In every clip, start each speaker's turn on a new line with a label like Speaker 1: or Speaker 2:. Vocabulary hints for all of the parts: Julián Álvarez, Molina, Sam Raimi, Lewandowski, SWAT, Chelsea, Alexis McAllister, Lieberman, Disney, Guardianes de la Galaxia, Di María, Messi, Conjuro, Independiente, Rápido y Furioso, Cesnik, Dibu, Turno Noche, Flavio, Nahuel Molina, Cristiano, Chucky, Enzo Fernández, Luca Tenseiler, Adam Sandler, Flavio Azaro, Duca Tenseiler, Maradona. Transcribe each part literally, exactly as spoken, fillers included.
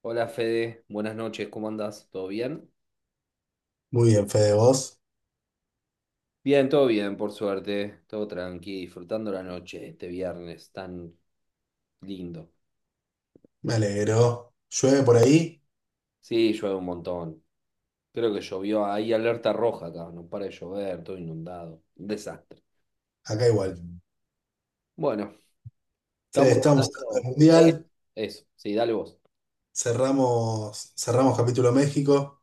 Speaker 1: Hola Fede, buenas noches, ¿cómo andás? ¿Todo bien?
Speaker 2: Muy bien, Fede, vos.
Speaker 1: Bien, todo bien, por suerte, todo tranqui, disfrutando la noche este viernes tan lindo.
Speaker 2: Me alegro. Llueve por ahí,
Speaker 1: Sí, llueve un montón. Creo que llovió, hay alerta roja acá, no para de llover, todo inundado. Un desastre.
Speaker 2: acá igual.
Speaker 1: Bueno,
Speaker 2: Fede,
Speaker 1: estamos
Speaker 2: estamos en el
Speaker 1: hablando. Eh,
Speaker 2: Mundial.
Speaker 1: Eso, sí, dale vos.
Speaker 2: Cerramos, cerramos capítulo México,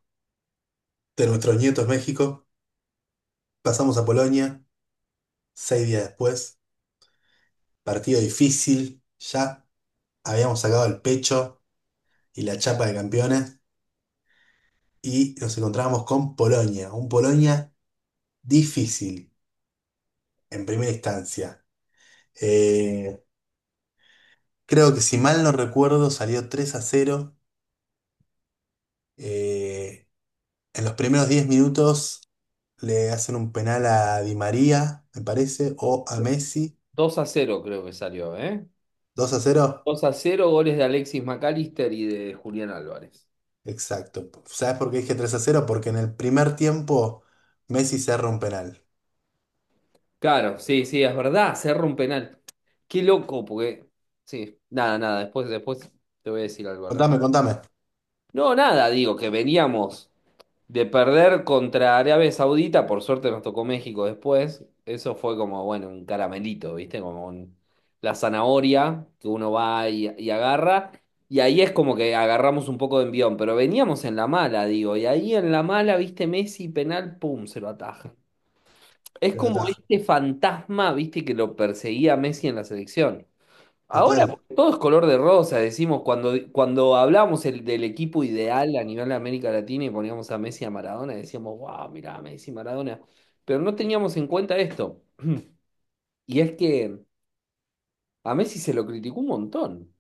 Speaker 2: de nuestros nietos México. Pasamos a Polonia, seis días después. Partido difícil, ya habíamos sacado el pecho y la chapa de campeones. Y nos encontramos con Polonia, un Polonia difícil en primera instancia. Eh, Creo que, si mal no recuerdo, salió tres a cero. eh, En los primeros diez minutos le hacen un penal a Di María, me parece, o a Messi.
Speaker 1: Dos a cero creo que salió, ¿eh?
Speaker 2: Dos a cero.
Speaker 1: Dos a cero goles de Alexis McAllister y de Julián Álvarez.
Speaker 2: Exacto. ¿Sabes por qué dije tres a cero? Porque en el primer tiempo Messi cerra un penal.
Speaker 1: Claro, sí, sí, es verdad, cerró un penal. Qué loco. Porque. Sí, nada, nada, después, después te voy a decir algo al respecto.
Speaker 2: Contame, contame.
Speaker 1: No, nada, digo que veníamos de perder contra Arabia Saudita, por suerte nos tocó México después. Eso fue como, bueno, un caramelito, ¿viste? Como un- la zanahoria que uno va y, y agarra. Y ahí es como que agarramos un poco de envión, pero veníamos en la mala, digo. Y ahí en la mala, ¿viste? Messi, penal, pum, se lo ataja. Es
Speaker 2: Te la
Speaker 1: como
Speaker 2: ataja.
Speaker 1: este fantasma, viste, que lo perseguía a Messi en la selección. Ahora
Speaker 2: Total.
Speaker 1: todo es color de rosa, decimos, cuando, cuando hablamos el- del equipo ideal a nivel de América Latina y poníamos a Messi y a Maradona, decíamos, wow, mirá, Messi, Maradona. Pero no teníamos en cuenta esto. Y es que a Messi se lo criticó un montón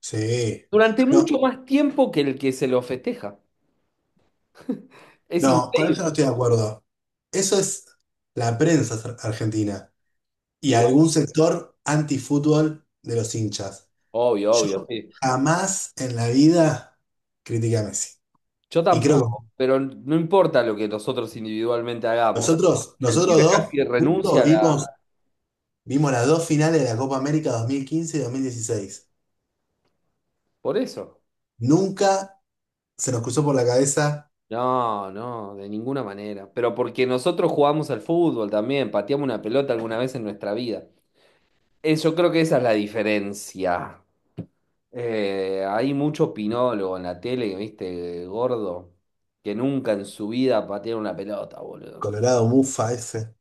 Speaker 2: Sí.
Speaker 1: durante
Speaker 2: No,
Speaker 1: mucho más tiempo que el que se lo festeja. Es
Speaker 2: no, con
Speaker 1: increíble.
Speaker 2: eso no estoy de acuerdo. Eso es la prensa ar- argentina y
Speaker 1: Igual,
Speaker 2: algún sector antifútbol de los hinchas.
Speaker 1: obvio,
Speaker 2: Yo
Speaker 1: obvio, sí.
Speaker 2: jamás en la vida critiqué a Messi.
Speaker 1: Yo
Speaker 2: Y creo.
Speaker 1: tampoco, pero no importa lo que nosotros individualmente hagamos.
Speaker 2: Nosotros,
Speaker 1: El
Speaker 2: nosotros
Speaker 1: pibe
Speaker 2: dos
Speaker 1: casi renuncia
Speaker 2: juntos
Speaker 1: a la.
Speaker 2: vimos, vimos las dos finales de la Copa América dos mil quince y dos mil dieciséis.
Speaker 1: Por eso.
Speaker 2: Nunca se nos cruzó por la cabeza.
Speaker 1: No, no, de ninguna manera. Pero porque nosotros jugamos al fútbol también, pateamos una pelota alguna vez en nuestra vida. Eh, Yo creo que esa es la diferencia. Eh, hay mucho opinólogo en la tele, viste, gordo, que nunca en su vida patearon una pelota, boludo.
Speaker 2: Colorado Mufa ese,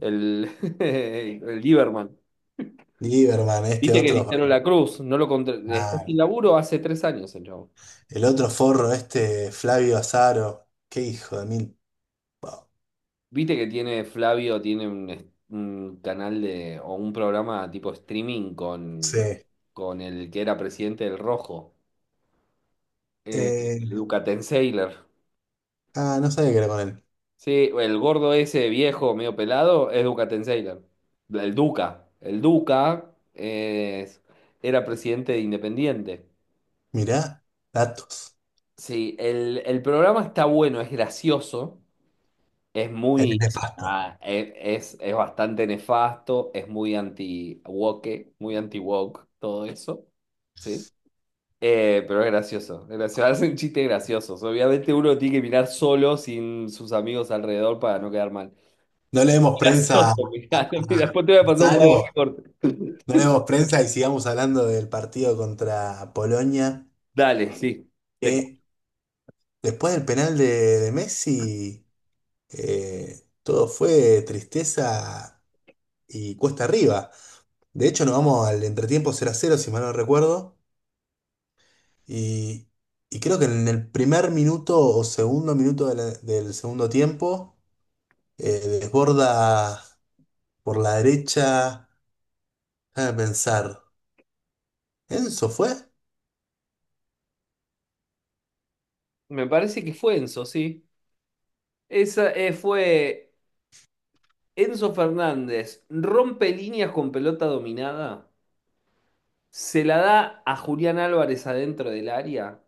Speaker 1: El, el Lieberman.
Speaker 2: Lieberman, este
Speaker 1: Viste que
Speaker 2: otro,
Speaker 1: Cristiano La Cruz no lo contra- está
Speaker 2: ah,
Speaker 1: sin laburo hace tres años el chavo.
Speaker 2: el otro forro, este Flavio Azaro. Qué hijo de mil.
Speaker 1: Viste que tiene Flavio, tiene un, es- un canal de, o un programa tipo streaming con,
Speaker 2: Sí.
Speaker 1: con el que era presidente del Rojo, eh,
Speaker 2: Eh,
Speaker 1: Luca Tenseiler.
Speaker 2: ah, no sabía qué era con él.
Speaker 1: Sí, el gordo ese viejo, medio pelado, es Duca Tenseiler. El Duca. El Duca es- era presidente de Independiente.
Speaker 2: Mirá, datos.
Speaker 1: Sí, el, el programa está bueno, es gracioso. Es
Speaker 2: Él es
Speaker 1: muy,
Speaker 2: nefasto.
Speaker 1: ah, e- es, es bastante nefasto, es muy anti-woke, muy anti-woke, todo eso, ¿sí? Eh, pero es gracioso, es gracioso, hacen chistes graciosos. Obviamente uno tiene que mirar solo, sin sus amigos alrededor, para no quedar mal.
Speaker 2: No leemos prensa a,
Speaker 1: Mirá
Speaker 2: a-
Speaker 1: mirá, mirá,
Speaker 2: a
Speaker 1: después te voy a pasar un par de
Speaker 2: Azaro,
Speaker 1: recortes.
Speaker 2: no leemos prensa y sigamos hablando del partido contra Polonia.
Speaker 1: Dale, sí. Te-
Speaker 2: Eh, después del penal de, de Messi, eh, todo fue tristeza y cuesta arriba. De hecho, nos vamos al entretiempo cero a cero, si mal no recuerdo. Y, y creo que en el primer minuto o segundo minuto de la- del segundo tiempo, eh, desborda por la derecha. Déjame pensar. ¿Enzo fue?
Speaker 1: me parece que fue Enzo, sí. Esa eh, fue Enzo Fernández, rompe líneas con pelota dominada. Se la da a Julián Álvarez adentro del área.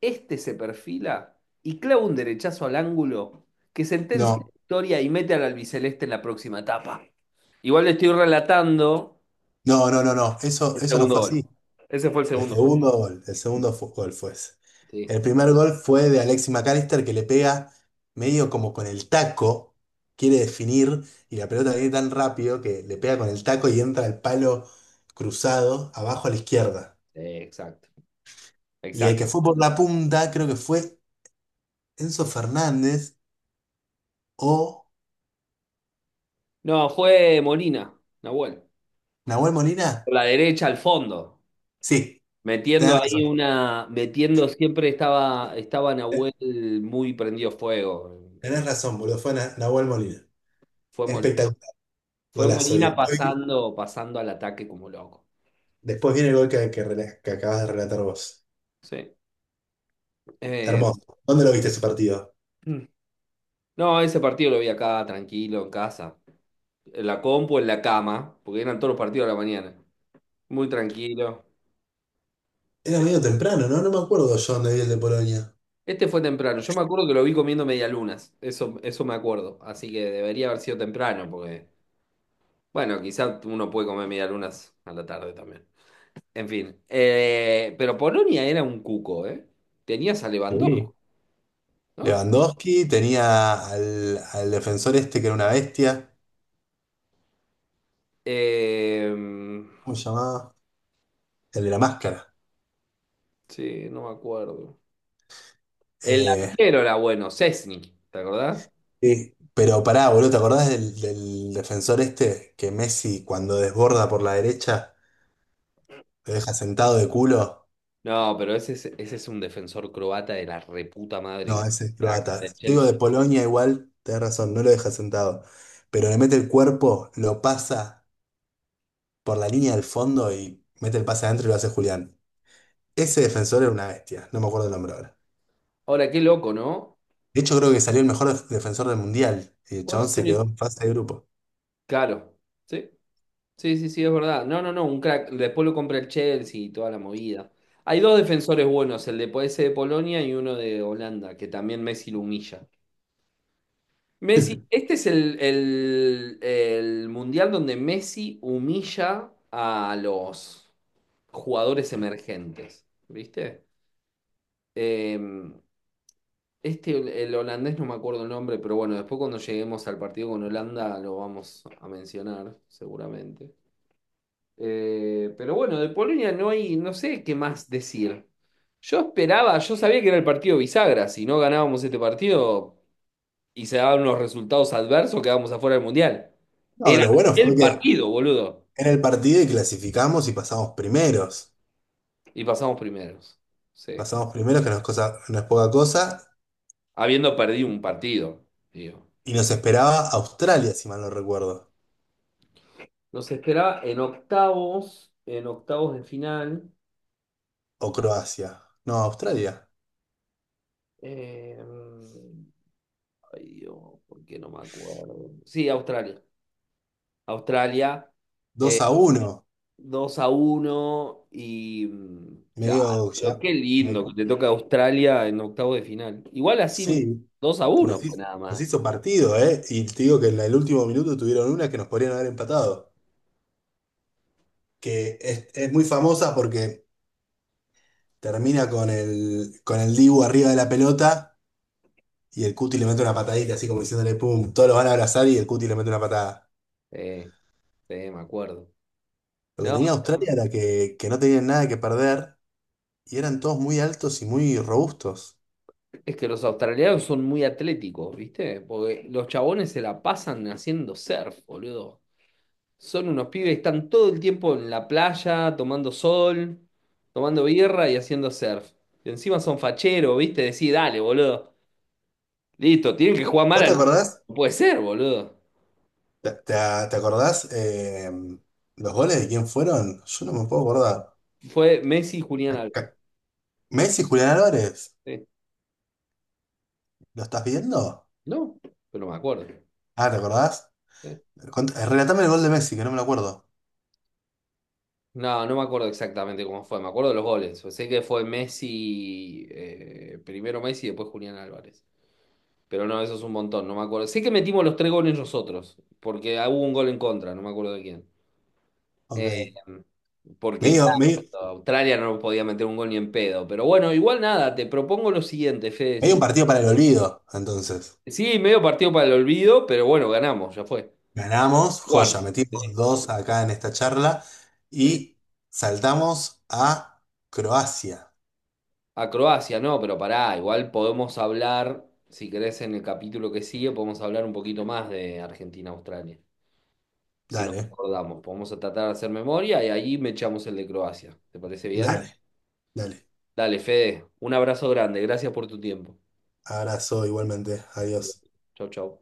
Speaker 1: Este se perfila y clava un derechazo al ángulo que sentencia la
Speaker 2: No,
Speaker 1: victoria y mete al albiceleste en la próxima etapa. Igual le estoy relatando
Speaker 2: no, no, no, no. Eso,
Speaker 1: el
Speaker 2: eso no
Speaker 1: segundo
Speaker 2: fue
Speaker 1: gol.
Speaker 2: así.
Speaker 1: Ese fue el
Speaker 2: El
Speaker 1: segundo gol.
Speaker 2: segundo gol, el segundo fu- gol fue ese.
Speaker 1: Sí.
Speaker 2: El primer gol fue de Alexis McAllister, que le pega medio como con el taco, quiere definir y la pelota viene tan rápido que le pega con el taco y entra el palo cruzado abajo a la izquierda.
Speaker 1: Sí, exacto,
Speaker 2: Y el
Speaker 1: exacto.
Speaker 2: que fue por la punta creo que fue Enzo Fernández o
Speaker 1: No, fue Molina, Nahuel.
Speaker 2: Nahuel
Speaker 1: Por
Speaker 2: Molina.
Speaker 1: la derecha al fondo.
Speaker 2: Sí,
Speaker 1: Metiendo
Speaker 2: tenés
Speaker 1: ahí
Speaker 2: razón.
Speaker 1: una. Metiendo siempre estaba, estaba,
Speaker 2: eh,
Speaker 1: Nahuel muy prendido fuego. Eh,
Speaker 2: Tenés razón, boludo, fue Na- Nahuel Molina.
Speaker 1: fue Molina
Speaker 2: Espectacular,
Speaker 1: Fue
Speaker 2: golazo. Y
Speaker 1: Molina
Speaker 2: después,
Speaker 1: pasando, pasando al ataque como loco.
Speaker 2: después viene el gol que, que rela- que acabas de relatar vos.
Speaker 1: Sí. Eh,
Speaker 2: Hermoso. ¿Dónde lo viste ese partido?
Speaker 1: no, ese partido lo vi acá, tranquilo, en casa. En la compu, en la cama, porque eran todos los partidos a la mañana. Muy tranquilo.
Speaker 2: Era medio temprano, ¿no? No me acuerdo yo dónde vi el de Polonia.
Speaker 1: Este fue temprano. Yo me acuerdo que lo vi comiendo medialunas. Eso, eso me acuerdo. Así que debería haber sido temprano, porque, bueno, quizás uno puede comer medialunas a la tarde también. En fin. Eh, pero Polonia era un cuco, ¿eh? Tenías a Lewandowski,
Speaker 2: Sí.
Speaker 1: ¿no?
Speaker 2: Lewandowski tenía al, al defensor este que era una bestia.
Speaker 1: Eh,
Speaker 2: ¿Cómo se llamaba? El de la máscara.
Speaker 1: sí, no me acuerdo. El
Speaker 2: Eh,
Speaker 1: arquero era bueno, Cesnik, ¿te acordás?
Speaker 2: Sí. Pero pará, boludo, ¿te acordás del, del defensor este que Messi, cuando desborda por la derecha, lo deja sentado de culo?
Speaker 1: No, pero ese es, ese es, un defensor croata de la reputa madre,
Speaker 2: No,
Speaker 1: que
Speaker 2: ese es
Speaker 1: crack, el
Speaker 2: croata.
Speaker 1: del
Speaker 2: Yo digo
Speaker 1: Chelsea.
Speaker 2: de Polonia, igual, tenés razón, no lo deja sentado. Pero le mete el cuerpo, lo pasa por la línea del fondo y mete el pase adentro y lo hace Julián. Ese defensor era una bestia, no me acuerdo el nombre ahora.
Speaker 1: Ahora, qué loco, ¿no?
Speaker 2: De hecho, creo que salió el mejor def- defensor del Mundial. Y el chabón
Speaker 1: ¿Cuántos
Speaker 2: se
Speaker 1: años?
Speaker 2: quedó en fase de grupo.
Speaker 1: Claro, sí, sí, sí, sí, es verdad. No, no, no, un crack. Después lo compra el Chelsea y toda la movida. Hay dos defensores buenos, el de ese de Polonia y uno de Holanda, que también Messi lo humilla. Messi, este es el, el, el mundial donde Messi humilla a los jugadores emergentes, ¿viste? Eh, este, el holandés, no me acuerdo el nombre, pero bueno, después cuando lleguemos al partido con Holanda lo vamos a mencionar, seguramente. Eh, pero bueno, de Polonia no hay, no sé qué más decir. Yo esperaba, yo sabía que era el partido bisagra, si no ganábamos este partido y se daban unos resultados adversos, quedábamos afuera del Mundial.
Speaker 2: No,
Speaker 1: Era
Speaker 2: lo bueno fue
Speaker 1: el
Speaker 2: que
Speaker 1: partido, boludo.
Speaker 2: era el partido y clasificamos y pasamos primeros.
Speaker 1: Y pasamos primeros. Sí.
Speaker 2: Pasamos primeros, que no es cosa, no es poca cosa,
Speaker 1: Habiendo perdido un partido, digo.
Speaker 2: y nos esperaba Australia, si mal no recuerdo.
Speaker 1: Nos esperaba en octavos, en octavos de final.
Speaker 2: O Croacia. No, Australia.
Speaker 1: eh, Ay Dios, ¿por qué no me acuerdo? Sí, Australia. Australia, eh,
Speaker 2: dos a uno.
Speaker 1: dos a uno y mm, claro,
Speaker 2: Medio
Speaker 1: pero
Speaker 2: ya.
Speaker 1: qué
Speaker 2: me-
Speaker 1: lindo que te toca Australia en octavos de final. Igual así
Speaker 2: sí.
Speaker 1: dos a uno
Speaker 2: Nos,
Speaker 1: fue
Speaker 2: hi-
Speaker 1: nada
Speaker 2: nos
Speaker 1: más.
Speaker 2: hizo partido, ¿eh? Y te digo que en el último minuto tuvieron una que nos podrían haber empatado. Que es, es muy famosa porque termina con el, con el Dibu arriba de la pelota y el Cuti le mete una patadita, así como diciéndole, pum, todos lo van a abrazar y el Cuti le mete una patada.
Speaker 1: Eh, sí, me acuerdo.
Speaker 2: Lo que
Speaker 1: No,
Speaker 2: tenía Australia era que, que no tenían nada que perder y eran todos muy altos y muy robustos.
Speaker 1: es que los australianos son muy atléticos, ¿viste? Porque los chabones se la pasan haciendo surf, boludo. Son unos pibes que están todo el tiempo en la playa, tomando sol, tomando birra y haciendo surf. Y encima son facheros, ¿viste? Decí, dale, boludo. Listo, tienen que jugar mal
Speaker 2: ¿Vos te
Speaker 1: al.
Speaker 2: acordás?
Speaker 1: No puede ser, boludo.
Speaker 2: ¿Te, te- te acordás eh, los goles de quién fueron? Yo no me puedo acordar.
Speaker 1: Fue Messi y Julián Álvarez.
Speaker 2: Acá- Messi, Julián Álvarez.
Speaker 1: Sí.
Speaker 2: ¿Lo estás viendo?
Speaker 1: No, pero no me acuerdo.
Speaker 2: Ah, ¿te acordás?
Speaker 1: Sí.
Speaker 2: Cont- eh, Relatame el gol de Messi, que no me lo acuerdo.
Speaker 1: No, no me acuerdo exactamente cómo fue. Me acuerdo de los goles. Pues Sé que fue Messi, eh, primero Messi y después Julián Álvarez. Pero no, eso es un montón, no me acuerdo. Sé que metimos los tres goles nosotros, porque hubo un gol en contra, no me acuerdo de quién.
Speaker 2: Ok.
Speaker 1: Eh, Porque,
Speaker 2: Medio, medio,
Speaker 1: claro, Australia no podía meter un gol ni en pedo. Pero bueno, igual nada, te propongo lo siguiente, Fede.
Speaker 2: medio un
Speaker 1: Sí,
Speaker 2: partido para el olvido, entonces.
Speaker 1: sí, medio partido para el olvido, pero bueno, ganamos, ya fue.
Speaker 2: Ganamos, joya,
Speaker 1: Cuarto. Sí,
Speaker 2: metimos dos acá en esta charla
Speaker 1: sí.
Speaker 2: y saltamos a Croacia.
Speaker 1: A Croacia, no, pero pará, igual podemos hablar, si querés, en el capítulo que sigue, podemos hablar un poquito más de Argentina-Australia. Si nos
Speaker 2: Dale,
Speaker 1: acordamos, podemos tratar de hacer memoria y ahí me echamos el de Croacia. ¿Te parece bien?
Speaker 2: dale, dale.
Speaker 1: Dale, Fede, un abrazo grande, gracias por tu tiempo.
Speaker 2: Abrazo igualmente. Adiós.
Speaker 1: Chau, chau.